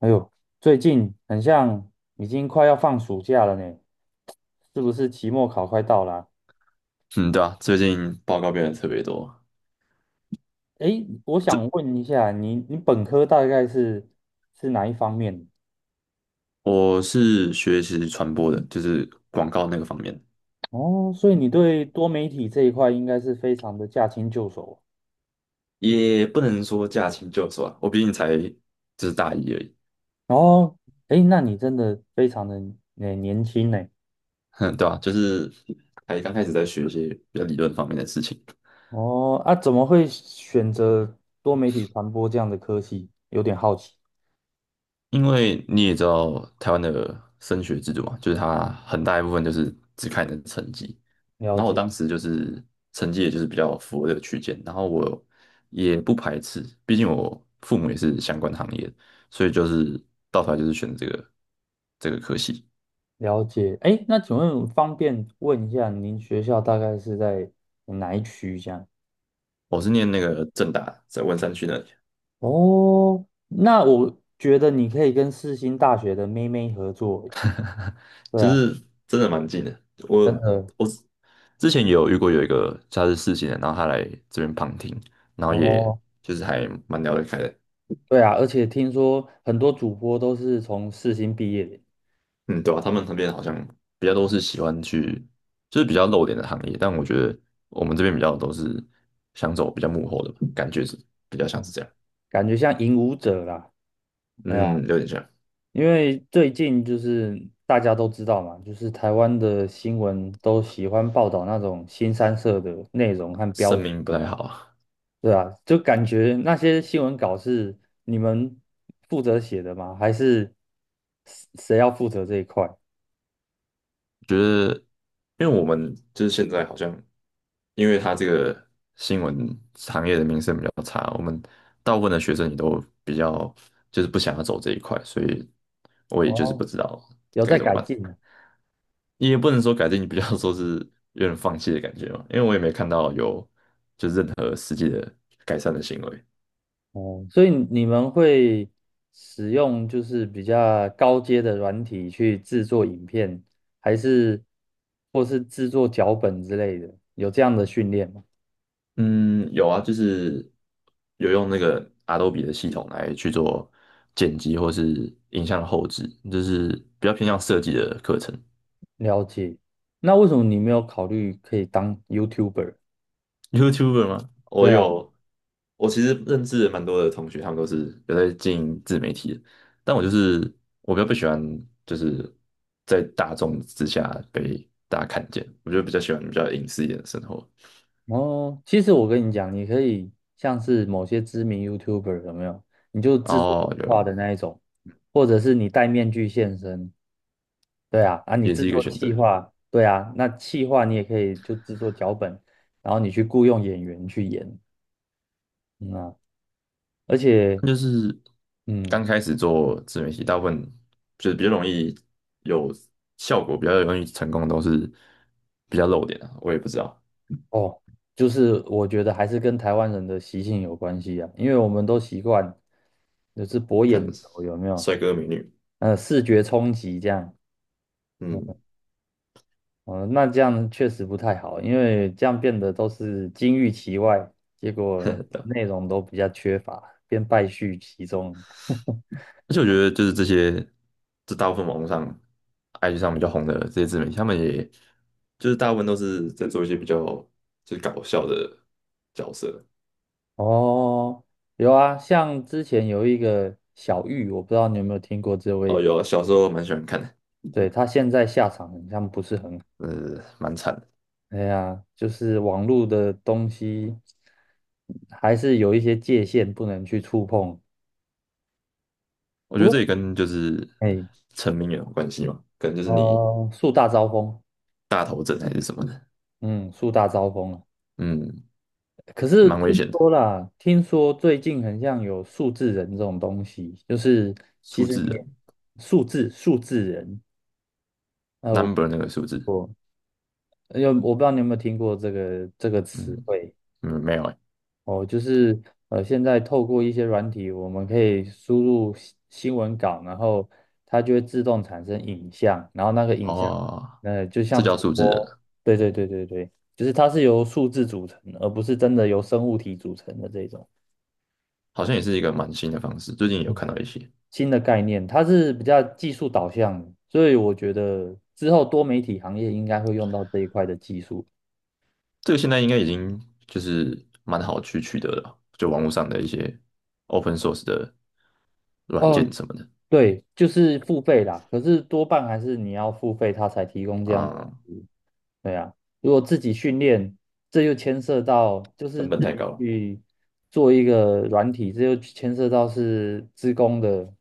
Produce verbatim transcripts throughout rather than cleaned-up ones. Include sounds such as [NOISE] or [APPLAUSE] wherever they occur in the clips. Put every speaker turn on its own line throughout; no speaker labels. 哎呦，最近很像已经快要放暑假了呢，是不是期末考快到了啊？
嗯，对啊，最近报告变得特别多。
哎，我想问一下，你你本科大概是是哪一方面？
我是学习传播的，就是广告那个方面，
哦，所以你对多媒体这一块应该是非常的驾轻就熟。
也不能说驾轻就熟啊。我毕竟才就是大一而已，
哦，哎，那你真的非常的年年轻呢。
[LAUGHS] 哼，对啊，就是还刚开始在学一些比较理论方面的事情。
哦，啊，怎么会选择多媒体传播这样的科系？有点好奇。
因为你也知道台湾的升学制度嘛，就是它很大一部分就是只看你的成绩。
了
然后我
解。
当时就是成绩也就是比较符合这个区间，然后我也不排斥，毕竟我父母也是相关行业的，所以就是到头来就是选这个这个科系。
了解。哎，那请问方便问一下，您学校大概是在哪一区这样？
我是念那个正大，在文山区那里，
哦，那我觉得你可以跟世新大学的妹妹合作。对
就
啊，
是真的蛮近的。我
真的。
我之前也有遇过有一个他是四星的，然后他来这边旁听，然后也
哦，
就是还蛮聊得开的。
对啊，而且听说很多主播都是从世新毕业的。
嗯，对啊，他们那边好像比较都是喜欢去，就是比较露脸的行业，但我觉得我们这边比较都是想走比较幕后的吧，感觉是比较像是
哦，
这样，
感觉像影舞者啦。哎呀，
嗯，有点像，
因为最近就是大家都知道嘛，就是台湾的新闻都喜欢报道那种新三社的内容和标
声
题。
明不太好啊，
对啊，就感觉那些新闻稿是你们负责写的吗？还是谁谁要负责这一块？
觉得因为我们就是现在好像，因为他这个新闻行业的名声比较差，我们大部分的学生也都比较就是不想要走这一块，所以我也就是
哦，
不知道
有
该
在
怎么
改
办。
进呢。
也不能说改进，你比较说是有点放弃的感觉嘛，因为我也没看到有改善的行为。
哦，所以你们会使用就是比较高阶的软体去制作影片，还是或是制作脚本之类的？有这样的训练吗？
嗯，有啊，就是有用那个 Adobe 的系统来去做剪辑或是影像的后置，就是比较偏向设计的课程。
了解。那为什么你没有考虑可以当 YouTuber？
YouTuber 吗？我
对啊。
有，我其实认识蛮多的同学，他们都是有在经营自媒体的，但我就是我比较不喜欢，就是在大众之下被大家看见，我就比较喜欢比较隐私一点的生活。
哦，其实我跟你讲，你可以像是某些知名 YouTuber 有没有？你就制作动
哦，
画
有，
的那一种，或者是你戴面具现身，对啊，啊，你
也
制
是一个
作
选
气
择。
划，对啊，那气划你也可以就制作脚本，然后你去雇佣演员去演，嗯啊，而且，
那就是
嗯，
刚开始做自媒体，大部分就是比较容易有效果，比较容易成功，都是比较露脸啊。我也不知道，
哦，就是我觉得还是跟台湾人的习性有关系啊，因为我们都习惯就是博
看
眼球，有没有？
帅哥美女，
呃，视觉冲击这样。
嗯，
哦，那这样确实不太好，因为这样变得都是金玉其外，结
[LAUGHS]
果
呵呵，对啊，
内容都比较缺乏，变败絮其中。
而且我觉得就是这些，这大部分网络上、I G 上比较红的这些自媒体，他们也就是大部分都是在做一些比较就是搞笑的角色。
哦，有啊，像之前有一个小玉，我不知道你有没有听过这
哦，
位，
有啊，小时候蛮喜欢看的，
对，他现在下场好像不是很好。
呃，蛮惨的。
哎呀，就是网络的东西还是有一些界限不能去触碰。
我觉得
不
这也
过，
跟就是
哎，
成名也有关系嘛，可能就是你
呃，树大招风，
大头症还是什么的，
嗯，树大招风啊。
嗯，
可是
蛮危
听
险的。
说啦，听说最近很像有数字人这种东西，就是其
数
实
字
你
人
也数字数字人，呃，
，number 那个数
我
字，
有我不知道你有没有听过这个这个词
嗯
汇。
嗯，没有哎、
哦，就是呃，现在透过一些软体，我们可以输入新新闻稿，然后它就会自动产生影像，然后那个影像，
哦，
呃，就
这
像
叫
主
数字人
播，
啊，
对对对对对，就是它是由数字组成，而不是真的由生物体组成的这种。
好像也是一个蛮新的方式，最近也有看到一些，
新的概念，它是比较技术导向的，所以我觉得之后多媒体行业应该会用到这一块的技术。
这个现在应该已经就是蛮好去取得了，就网络上的一些 open source 的软件
哦，
什么的，
对，就是付费啦，可是多半还是你要付费，它才提供这样的
啊、
服务。对啊，如果自己训练，这又牵涉到就是
成本
自
太
己
高了，
去做一个软体，这又牵涉到是资工的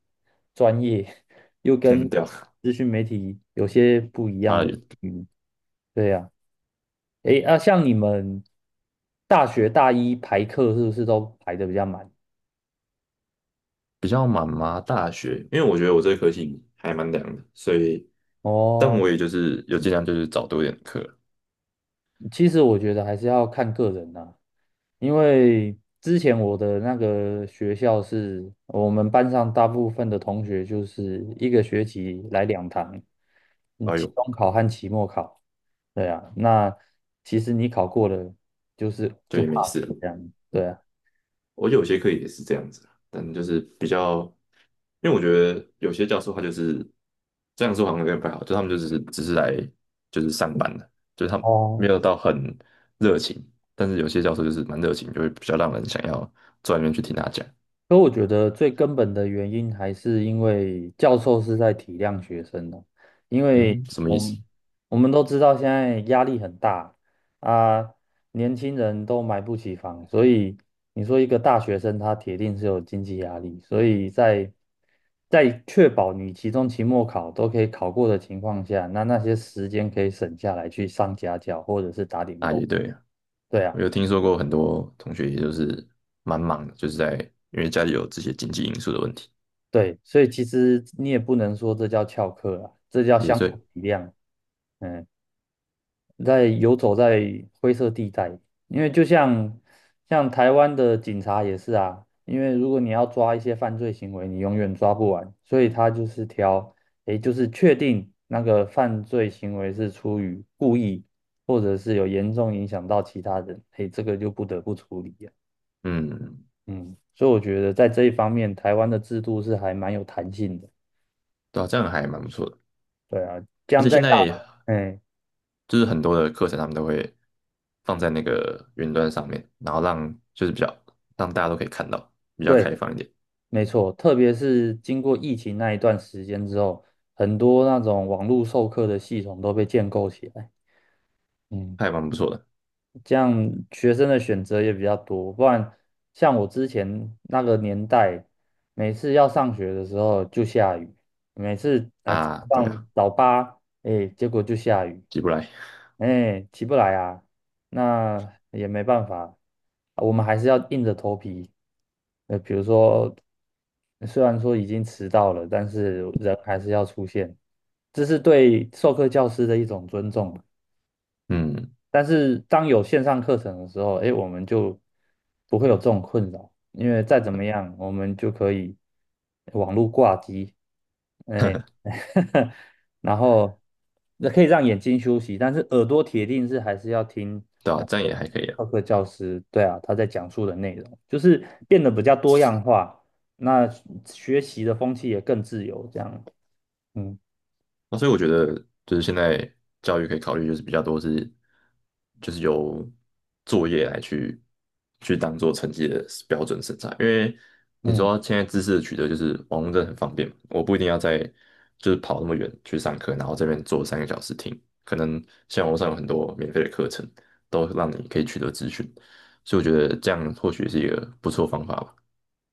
专业，又
[LAUGHS]
跟
嗯，对啊，
资讯媒体有些不一
差
样的。
得远。
嗯，对呀。诶，那像你们大学大一排课是不是都排的比较满？
比较满吗？大学，因为我觉得我这科系还蛮凉的，所以，但
哦，
我也就是有尽量就是找多一点课。
其实我觉得还是要看个人呐、因为之前我的那个学校是我们班上大部分的同学就是一个学期来两堂，嗯，
哎
期
呦，
中考和期末考。对啊，那其实你考过了，就是
就
就
也没
pass
事了。
这样。对啊。
我有些课也是这样子啊，但就是比较，因为我觉得有些教授他就是这样说好像有点不太好，就他们就只是只是来就是上班的，就是他们
哦，
没有到很热情，但是有些教授就是蛮热情，就会比较让人想要坐在那边去听他讲。
所以我觉得最根本的原因还是因为教授是在体谅学生的，因为
嗯，什么意
我
思？
们我们都知道现在压力很大啊，年轻人都买不起房，所以你说一个大学生他铁定是有经济压力，所以在在确保你期中、期末考都可以考过的情况下，那那些时间可以省下来去上家教或者是打点
啊，
工，
也对哦。
对啊。
我有听说过很多同学，也就是蛮忙的，就是在因为家里有这些经济因素的问题，
对，所以其实你也不能说这叫翘课啊，这叫
也
相
所以，
互体谅。嗯，在游走在灰色地带，因为就像像台湾的警察也是啊，因为如果你要抓一些犯罪行为，你永远抓不完，所以他就是挑，诶，就是确定那个犯罪行为是出于故意，或者是有严重影响到其他人，诶，这个就不得不处理啊。
嗯，
嗯，所以我觉得在这一方面，台湾的制度是还蛮有弹性的。
对啊，这样还蛮不错的。
对啊，这
而
样
且
在
现
大，
在
哎，
就是很多的课程，他们都会放在那个云端上面，然后让就是比较让大家都可以看到，比较
对，
开放一点，
没错，特别是经过疫情那一段时间之后，很多那种网络授课的系统都被建构起来。嗯，
还蛮不错的
这样学生的选择也比较多，不然像我之前那个年代，每次要上学的时候就下雨，每次呃早
啊。对
上
啊，
早八，哎，结果就下雨，
起不来，
哎，起不来啊，那也没办法，啊我们还是要硬着头皮。呃，比如说，虽然说已经迟到了，但是人还是要出现，这是对授课教师的一种尊重。
嗯，
但是当有线上课程的时候，哎，我们就不会有这种困扰，因为再怎么样，我们就可以网络挂机，哎，[LAUGHS] 然后那可以让眼睛休息，但是耳朵铁定是还是要听
对
那
啊，这样
个
也还可以啊。
授课教师，对啊，他在讲述的内容，就是变得比较多样化，那学习的风气也更自由，这样，嗯
那所以我觉得，就是现在教育可以考虑，就是比较多是，就是由作业来去去当做成绩的标准审查。因为你
嗯。
说现在知识的取得就是网络真的很方便嘛，我不一定要在就是跑那么远去上课，然后这边坐三个小时听，可能像网络上有很多免费的课程，都让你可以取得资讯，所以我觉得这样或许是一个不错的方法吧。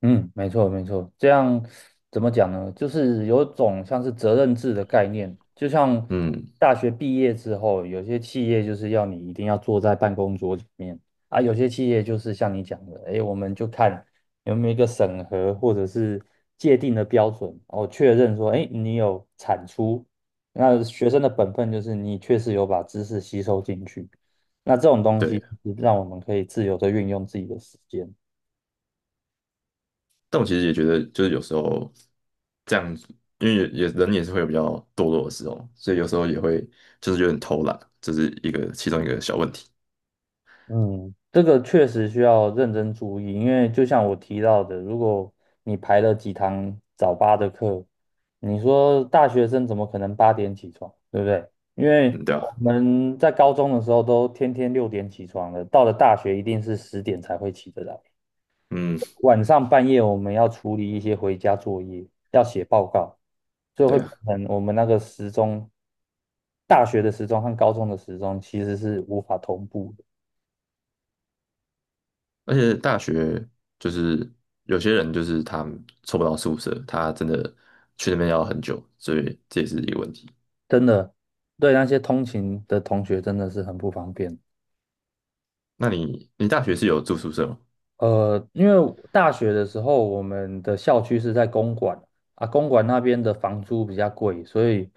嗯，没错没错，这样怎么讲呢？就是有种像是责任制的概念，就像
嗯，
大学毕业之后，有些企业就是要你一定要坐在办公桌前面啊，有些企业就是像你讲的，哎，我们就看有没有一个审核或者是界定的标准，然确认说，哎，你有产出，那学生的本分就是你确实有把知识吸收进去，那这种东西
对。
是让我们可以自由的运用自己的时间。
但我其实也觉得，就是有时候这样子，因为也也人也是会有比较堕落的时候，所以有时候也会就是有点偷懒，这是一个其中一个小问题。
嗯，这个确实需要认真注意，因为就像我提到的，如果你排了几堂早八的课，你说大学生怎么可能八点起床，对不对？因为
嗯，对
我
啊，
们在高中的时候都天天六点起床了，到了大学一定是十点才会起得来。
嗯，
晚上半夜我们要处理一些回家作业，要写报告，所以会
对
变
啊。
成我们那个时钟，大学的时钟和高中的时钟其实是无法同步。
而且大学就是有些人就是他凑不到宿舍，他真的去那边要很久，所以这也是一个问题。
真的，对那些通勤的同学真的是很不方便。
那你你大学是有住宿舍吗？
呃，因为大学的时候，我们的校区是在公馆啊，公馆那边的房租比较贵，所以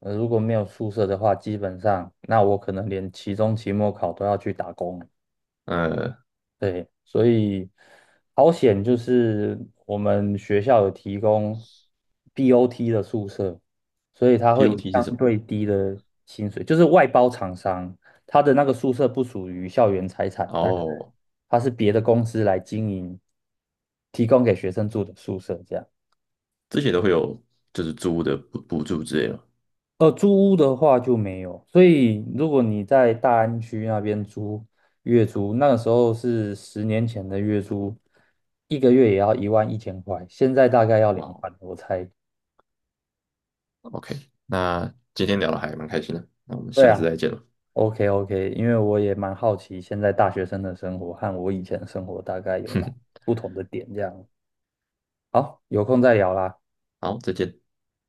呃，如果没有宿舍的话，基本上那我可能连期中、期末考都要去打工。
呃
对，所以好险就是我们学校有提供 B O T 的宿舍，所以它会以
，P O T 是什
相
么？
对低的薪水，就是外包厂商，它的那个宿舍不属于校园财产，但
哦，
它是别的公司来经营，提供给学生住的宿舍这样。
这些都会有就是租屋的补补助之类的吗？
呃，租屋的话就没有，所以如果你在大安区那边租月租，那个时候是十年前的月租，一个月也要一万一千块，现在大概要两
哇，
万，我猜。
OK,那今天聊的还蛮开心的，那我们
对
下次
啊
再见了，
，OK OK，因为我也蛮好奇现在大学生的生活和我以前的生活大概
[LAUGHS]
有哪
哼，
不同的点，这样。好，有空再聊啦。
好，再见。